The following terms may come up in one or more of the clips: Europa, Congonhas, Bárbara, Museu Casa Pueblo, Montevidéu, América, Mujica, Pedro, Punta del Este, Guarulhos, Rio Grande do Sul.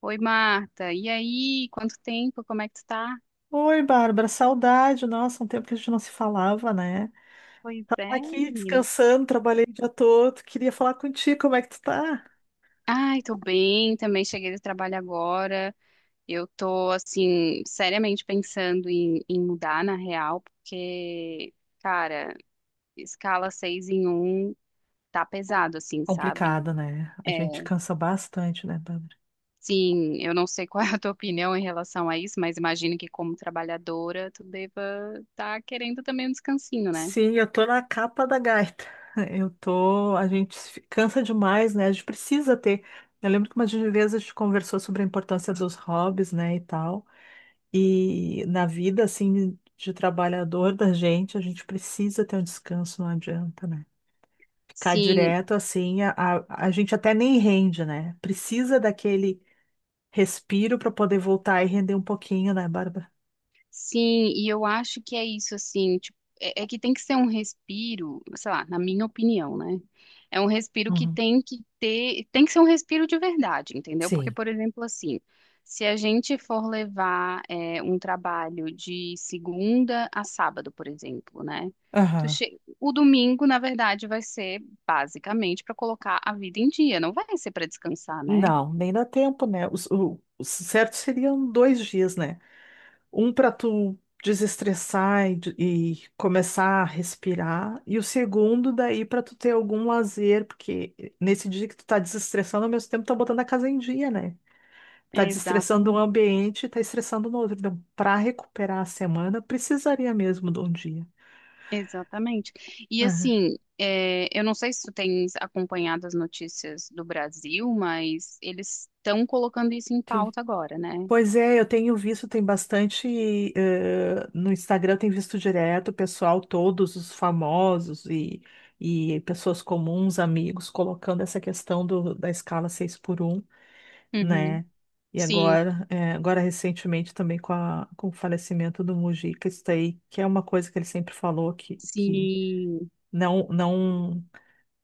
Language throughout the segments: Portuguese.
Oi, Marta. E aí, quanto tempo? Como é que tu tá? Oi, Bárbara, saudade. Nossa, um tempo que a gente não se falava, né? Pois é, Aqui menina. descansando, trabalhei o dia todo. Queria falar contigo, como é que tu tá? Ai, tô bem, também cheguei do trabalho agora. Eu tô, assim, seriamente pensando em mudar na real, porque, cara, escala 6 em um tá pesado, assim, sabe? Complicado, né? A É, gente cansa bastante, né, Bárbara? sim, eu não sei qual é a tua opinião em relação a isso, mas imagino que como trabalhadora tu deva estar querendo também um descansinho, né? Sim, eu tô na capa da gaita. Eu tô. A gente se cansa demais, né? A gente precisa ter. Eu lembro que uma vez a gente conversou sobre a importância dos hobbies, né, e tal. E na vida, assim, de trabalhador da gente, a gente precisa ter um descanso, não adianta, né? Cai Sim, direto assim, a gente até nem rende, né? Precisa daquele respiro para poder voltar e render um pouquinho, né, Bárbara? sim, e eu acho que é isso, assim, tipo, é que tem que ser um respiro, sei lá, na minha opinião, né? É um respiro que Uhum. tem que ter, tem que ser um respiro de verdade, entendeu? Porque, Sim. por exemplo, assim, se a gente for levar um trabalho de segunda a sábado, por exemplo, né? Tu Aham. che... O domingo, na verdade, vai ser basicamente para colocar a vida em dia, não vai ser para descansar, né? Não, nem dá tempo, né? O certo seriam dois dias, né? Um para tu desestressar e, e começar a respirar, e o segundo daí para tu ter algum lazer, porque nesse dia que tu tá desestressando, ao mesmo tempo tá botando a casa em dia, né? Tá desestressando um Exatamente. ambiente, tá estressando no outro. Então, para recuperar a semana, precisaria mesmo de um dia. Exatamente. E Aham, assim, é, eu não sei se tu tens acompanhado as notícias do Brasil, mas eles estão colocando isso em ok. pauta agora, né? Pois é, eu tenho visto, tem bastante, no Instagram, eu tenho visto direto o pessoal, todos os famosos e, pessoas comuns, amigos, colocando essa questão da escala 6 por um, Uhum. né? E Sim, agora, agora recentemente também com o falecimento do Mujica, isso daí, que é uma coisa que ele sempre falou que sim. não, não.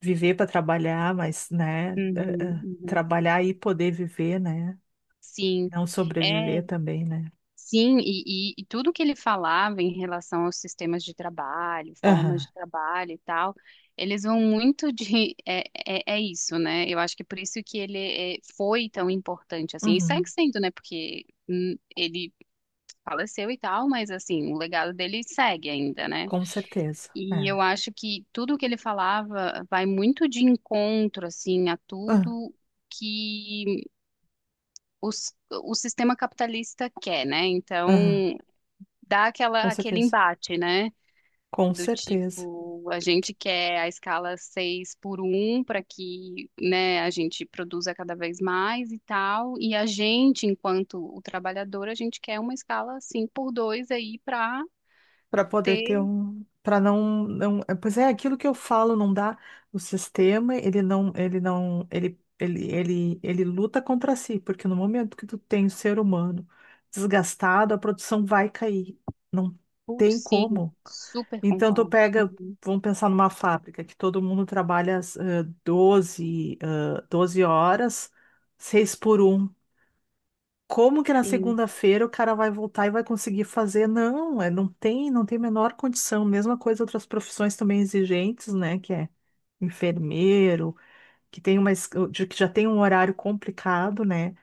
viver para trabalhar, mas, né, Uhum, uhum. trabalhar e poder viver, né? Sim, Não é, sobreviver também, né? sim, e tudo que ele falava em relação aos sistemas de trabalho, formas Aham, de trabalho e tal, eles vão muito de, é isso, né? Eu acho que por isso que ele foi tão importante, assim, e uhum, segue sendo, né? Porque ele faleceu e tal, mas assim, o legado dele segue ainda, né? com certeza. E É. eu acho que tudo o que ele falava vai muito de encontro, assim, a Ah, tudo que o sistema capitalista quer, né? Então, aham, dá com aquele certeza. embate, né? Com Do certeza. tipo, a gente quer a escala 6 por um para que, né, a gente produza cada vez mais e tal, e a gente, enquanto o trabalhador, a gente quer uma escala 5 por 2 aí para Para poder ter um, para não, não, é, pois é, aquilo que eu falo não dá. O sistema, ele não, ele não, ele luta contra si, porque no momento que tu tem o ser humano desgastado, a produção vai cair. Não Putz, tem sim, como. super Então tu concordo. pega, Uhum, vamos pensar numa fábrica que todo mundo trabalha 12 horas, 6 por um, como que na sim. segunda-feira o cara vai voltar e vai conseguir fazer? Não, é, não tem a menor condição. Mesma coisa outras profissões também exigentes, né? Que é enfermeiro, que tem uma, que já tem um horário complicado, né?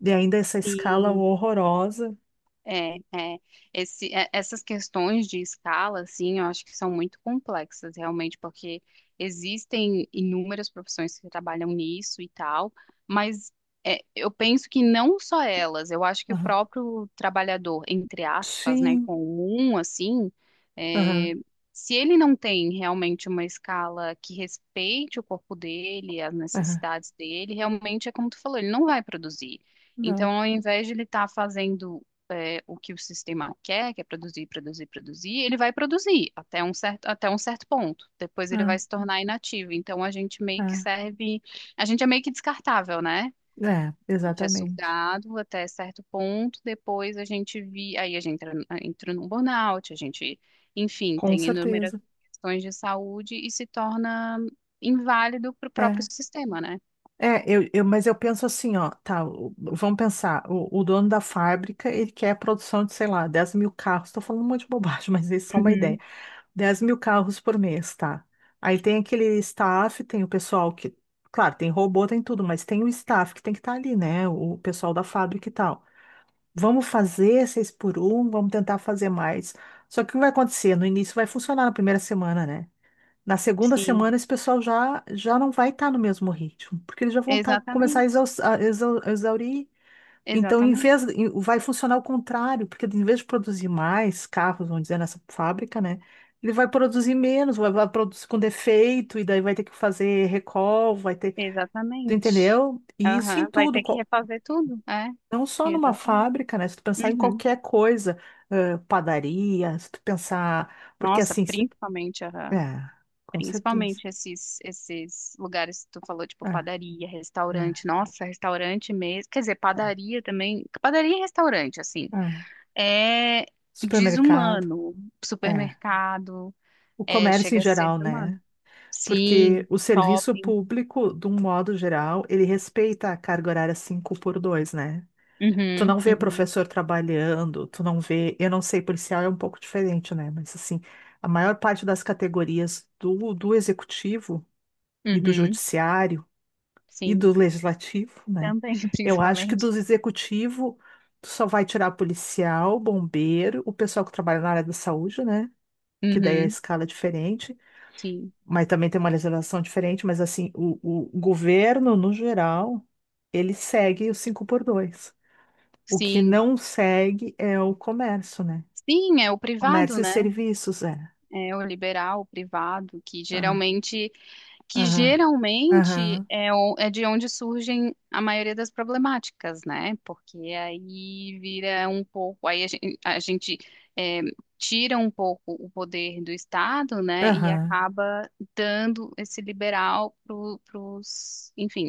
E ainda essa escala E horrorosa. É, é, esse, essas questões de escala, assim, eu acho que são muito complexas, realmente, porque existem inúmeras profissões que trabalham nisso e tal, mas é, eu penso que não só elas, eu acho que o Aham. próprio trabalhador, entre aspas, né, Sim, comum, assim, é, aham, se ele não tem realmente uma escala que respeite o corpo dele, as aham. necessidades dele, realmente é como tu falou, ele não vai produzir. Não, Então, ao invés de ele estar fazendo é, o que o sistema quer, que é produzir, produzir, produzir, ele vai produzir até um certo ponto. Depois ele ah, vai se tornar inativo. Então a gente meio que ah. serve, a gente é meio que descartável, né? É, A gente é exatamente. sugado até certo ponto, depois aí a gente entra, entra num burnout, a gente, enfim, Com tem inúmeras certeza. questões de saúde e se torna inválido para o próprio É. sistema, né? É, mas eu penso assim, ó, tá, o- vamos pensar, o dono da fábrica, ele quer a produção de, sei lá, 10.000 carros, tô falando um monte de bobagem, mas isso é só uma ideia. Uhum, 10.000 carros por mês, tá? Aí tem aquele staff, tem o pessoal que, claro, tem robô, tem tudo, mas tem o staff que tem que estar ali, né, o pessoal da fábrica e tal. Vamos fazer seis por um, vamos tentar fazer mais. Só que o que vai acontecer? No início vai funcionar na primeira semana, né? Na segunda sim. semana, esse pessoal já, já não vai estar no mesmo ritmo, porque eles já vão tá, começar a Exatamente, a exaurir. Então, exatamente. Vai funcionar o contrário, porque em vez de produzir mais carros, vamos dizer, nessa fábrica, né? Ele vai produzir menos, vai produzir com defeito, e daí vai ter que fazer recall, vai ter. Tu Exatamente. entendeu? E isso em Aham, vai tudo, ter que refazer tudo, é. não só numa Exatamente. fábrica, né? Se tu pensar em Uhum. qualquer coisa, padaria, se tu pensar. Porque Nossa, assim. principalmente, aham. É, com certeza. Principalmente esses lugares que tu falou, tipo É, padaria, restaurante. Nossa, restaurante mesmo. Quer dizer, é. padaria também. Padaria e restaurante, assim. É, É supermercado, desumano. é. Supermercado, O é, comércio em chega a ser geral, desumano. né? Porque Sim, o serviço shopping. público, de um modo geral, ele respeita a carga horária 5 por 2, né? Tu Uhum, não vê uhum, professor trabalhando, tu não vê, eu não sei, policial é um pouco diferente, né? Mas assim, a maior parte das categorias do executivo e do uhum. judiciário e Sim, do legislativo, né? também, Eu acho que do principalmente. executivo tu só vai tirar policial, bombeiro, o pessoal que trabalha na área da saúde, né? Que daí é a Uhum, escala é diferente, sim. mas também tem uma legislação diferente, mas assim, o governo, no geral, ele segue o 5 por 2. O que Sim, não segue é o comércio, né? sim, é o privado, Comércio e né? serviços, é. É o liberal, o privado, Ah, que aham, geralmente aham, é, é de onde surgem a maioria das problemáticas, né? Porque aí vira um pouco, aí a gente, é, tira um pouco o poder do Estado, né? E aham. acaba dando esse liberal para os, enfim,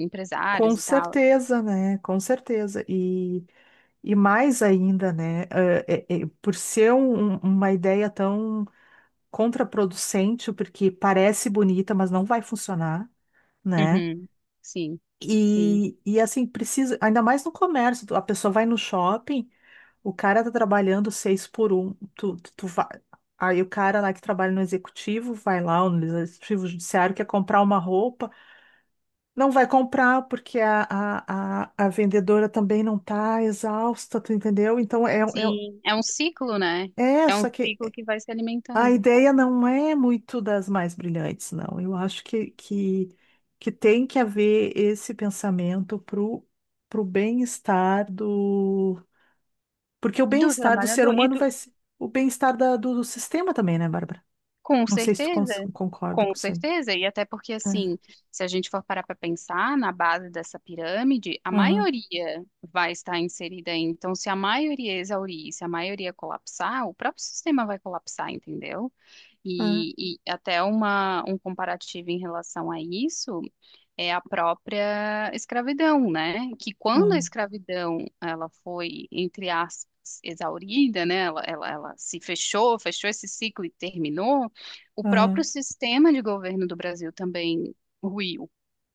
Com empresários e tal. certeza, né? Com certeza. E mais ainda, né? Por ser um, uma ideia tão contraproducente, porque parece bonita, mas não vai funcionar, né? Uhum, sim, sim. E assim, precisa, ainda mais no comércio, tu- a pessoa vai no shopping, o cara tá trabalhando seis por um, tu vai, aí o cara lá que trabalha no executivo vai lá, ou no executivo judiciário, quer comprar uma roupa, não vai comprar porque a vendedora também não tá exausta, tu entendeu? Então é, Sim, é um ciclo, né? É um só que ciclo que vai se a alimentando ideia não é muito das mais brilhantes, não. Eu acho que tem que haver esse pensamento para o bem-estar do. Porque o do bem-estar do ser trabalhador e humano do, vai ser o bem-estar da- do, do sistema também, né, Bárbara? com Não sei se tu certeza, concorda com com isso aí. certeza. E até porque assim, É. se a gente for parar para pensar na base dessa pirâmide, a Aham, maioria vai estar inserida aí. Então, se a maioria exaurir, se a maioria colapsar, o próprio sistema vai colapsar, entendeu? aham, E até um comparativo em relação a isso. É a própria escravidão, né? Que quando a aham, escravidão ela foi, entre aspas, exaurida, né? Ela se fechou, fechou esse ciclo e terminou, o próprio aham. sistema de governo do Brasil também ruiu,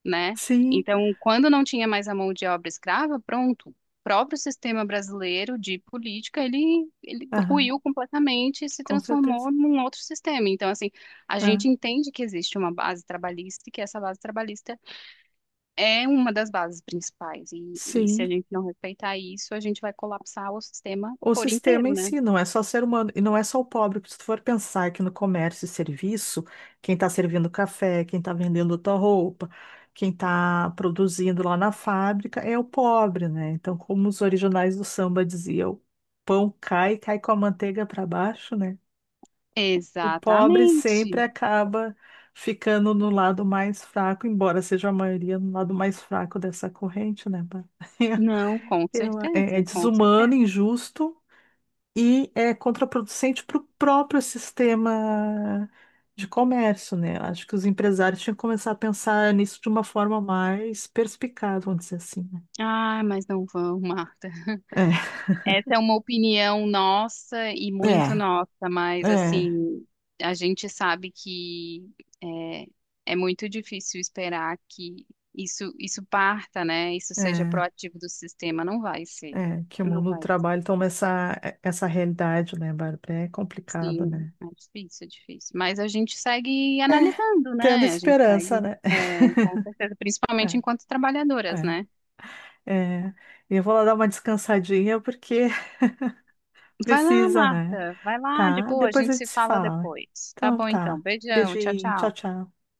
né? Sim, Então, quando não tinha mais a mão de obra escrava, pronto. O próprio sistema brasileiro de política, ele aham, ruiu completamente e se com certeza. transformou num outro sistema. Então, assim, a É, gente entende que existe uma base trabalhista e que essa base trabalhista é uma das bases principais. E se a sim. gente não respeitar isso, a gente vai colapsar o sistema O por sistema inteiro, em né? si não é só ser humano, e não é só o pobre, porque se tu for pensar que no comércio e serviço, quem está servindo café, quem está vendendo tua roupa, quem está produzindo lá na fábrica é o pobre, né? Então, como os originais do samba diziam, o pão cai, cai com a manteiga para baixo, né? O pobre sempre Exatamente. acaba ficando no lado mais fraco, embora seja a maioria no lado mais fraco dessa corrente, né, Bárbara? Não, com É certeza, com desumano, certeza. injusto e é contraproducente para o próprio sistema de comércio, né? Eu acho que os empresários tinham que começar a pensar nisso de uma forma mais perspicaz, vamos dizer assim, né? Ah, mas não vão, Marta. Essa é uma opinião nossa e É, muito é, nossa, mas assim, a gente sabe que é, é muito difícil esperar que isso parta, né? Isso é, seja é, proativo do sistema. Não vai ser. é, que o Não mundo do vai. trabalho toma essa, essa realidade, né, Bárbara? É complicado, Sim, né? é difícil, é difícil. Mas a gente segue É, analisando, tendo né? A gente esperança, segue, né? é, com certeza, principalmente É, enquanto trabalhadoras, né? é, é. E eu vou lá dar uma descansadinha porque Vai lá, precisa, né? Marta, vai lá, de Tá, boa, a depois a gente se gente se fala fala. depois. Tá Então bom, tá. então. Beijão, tchau, Beijinho, tchau, tchau. tchau.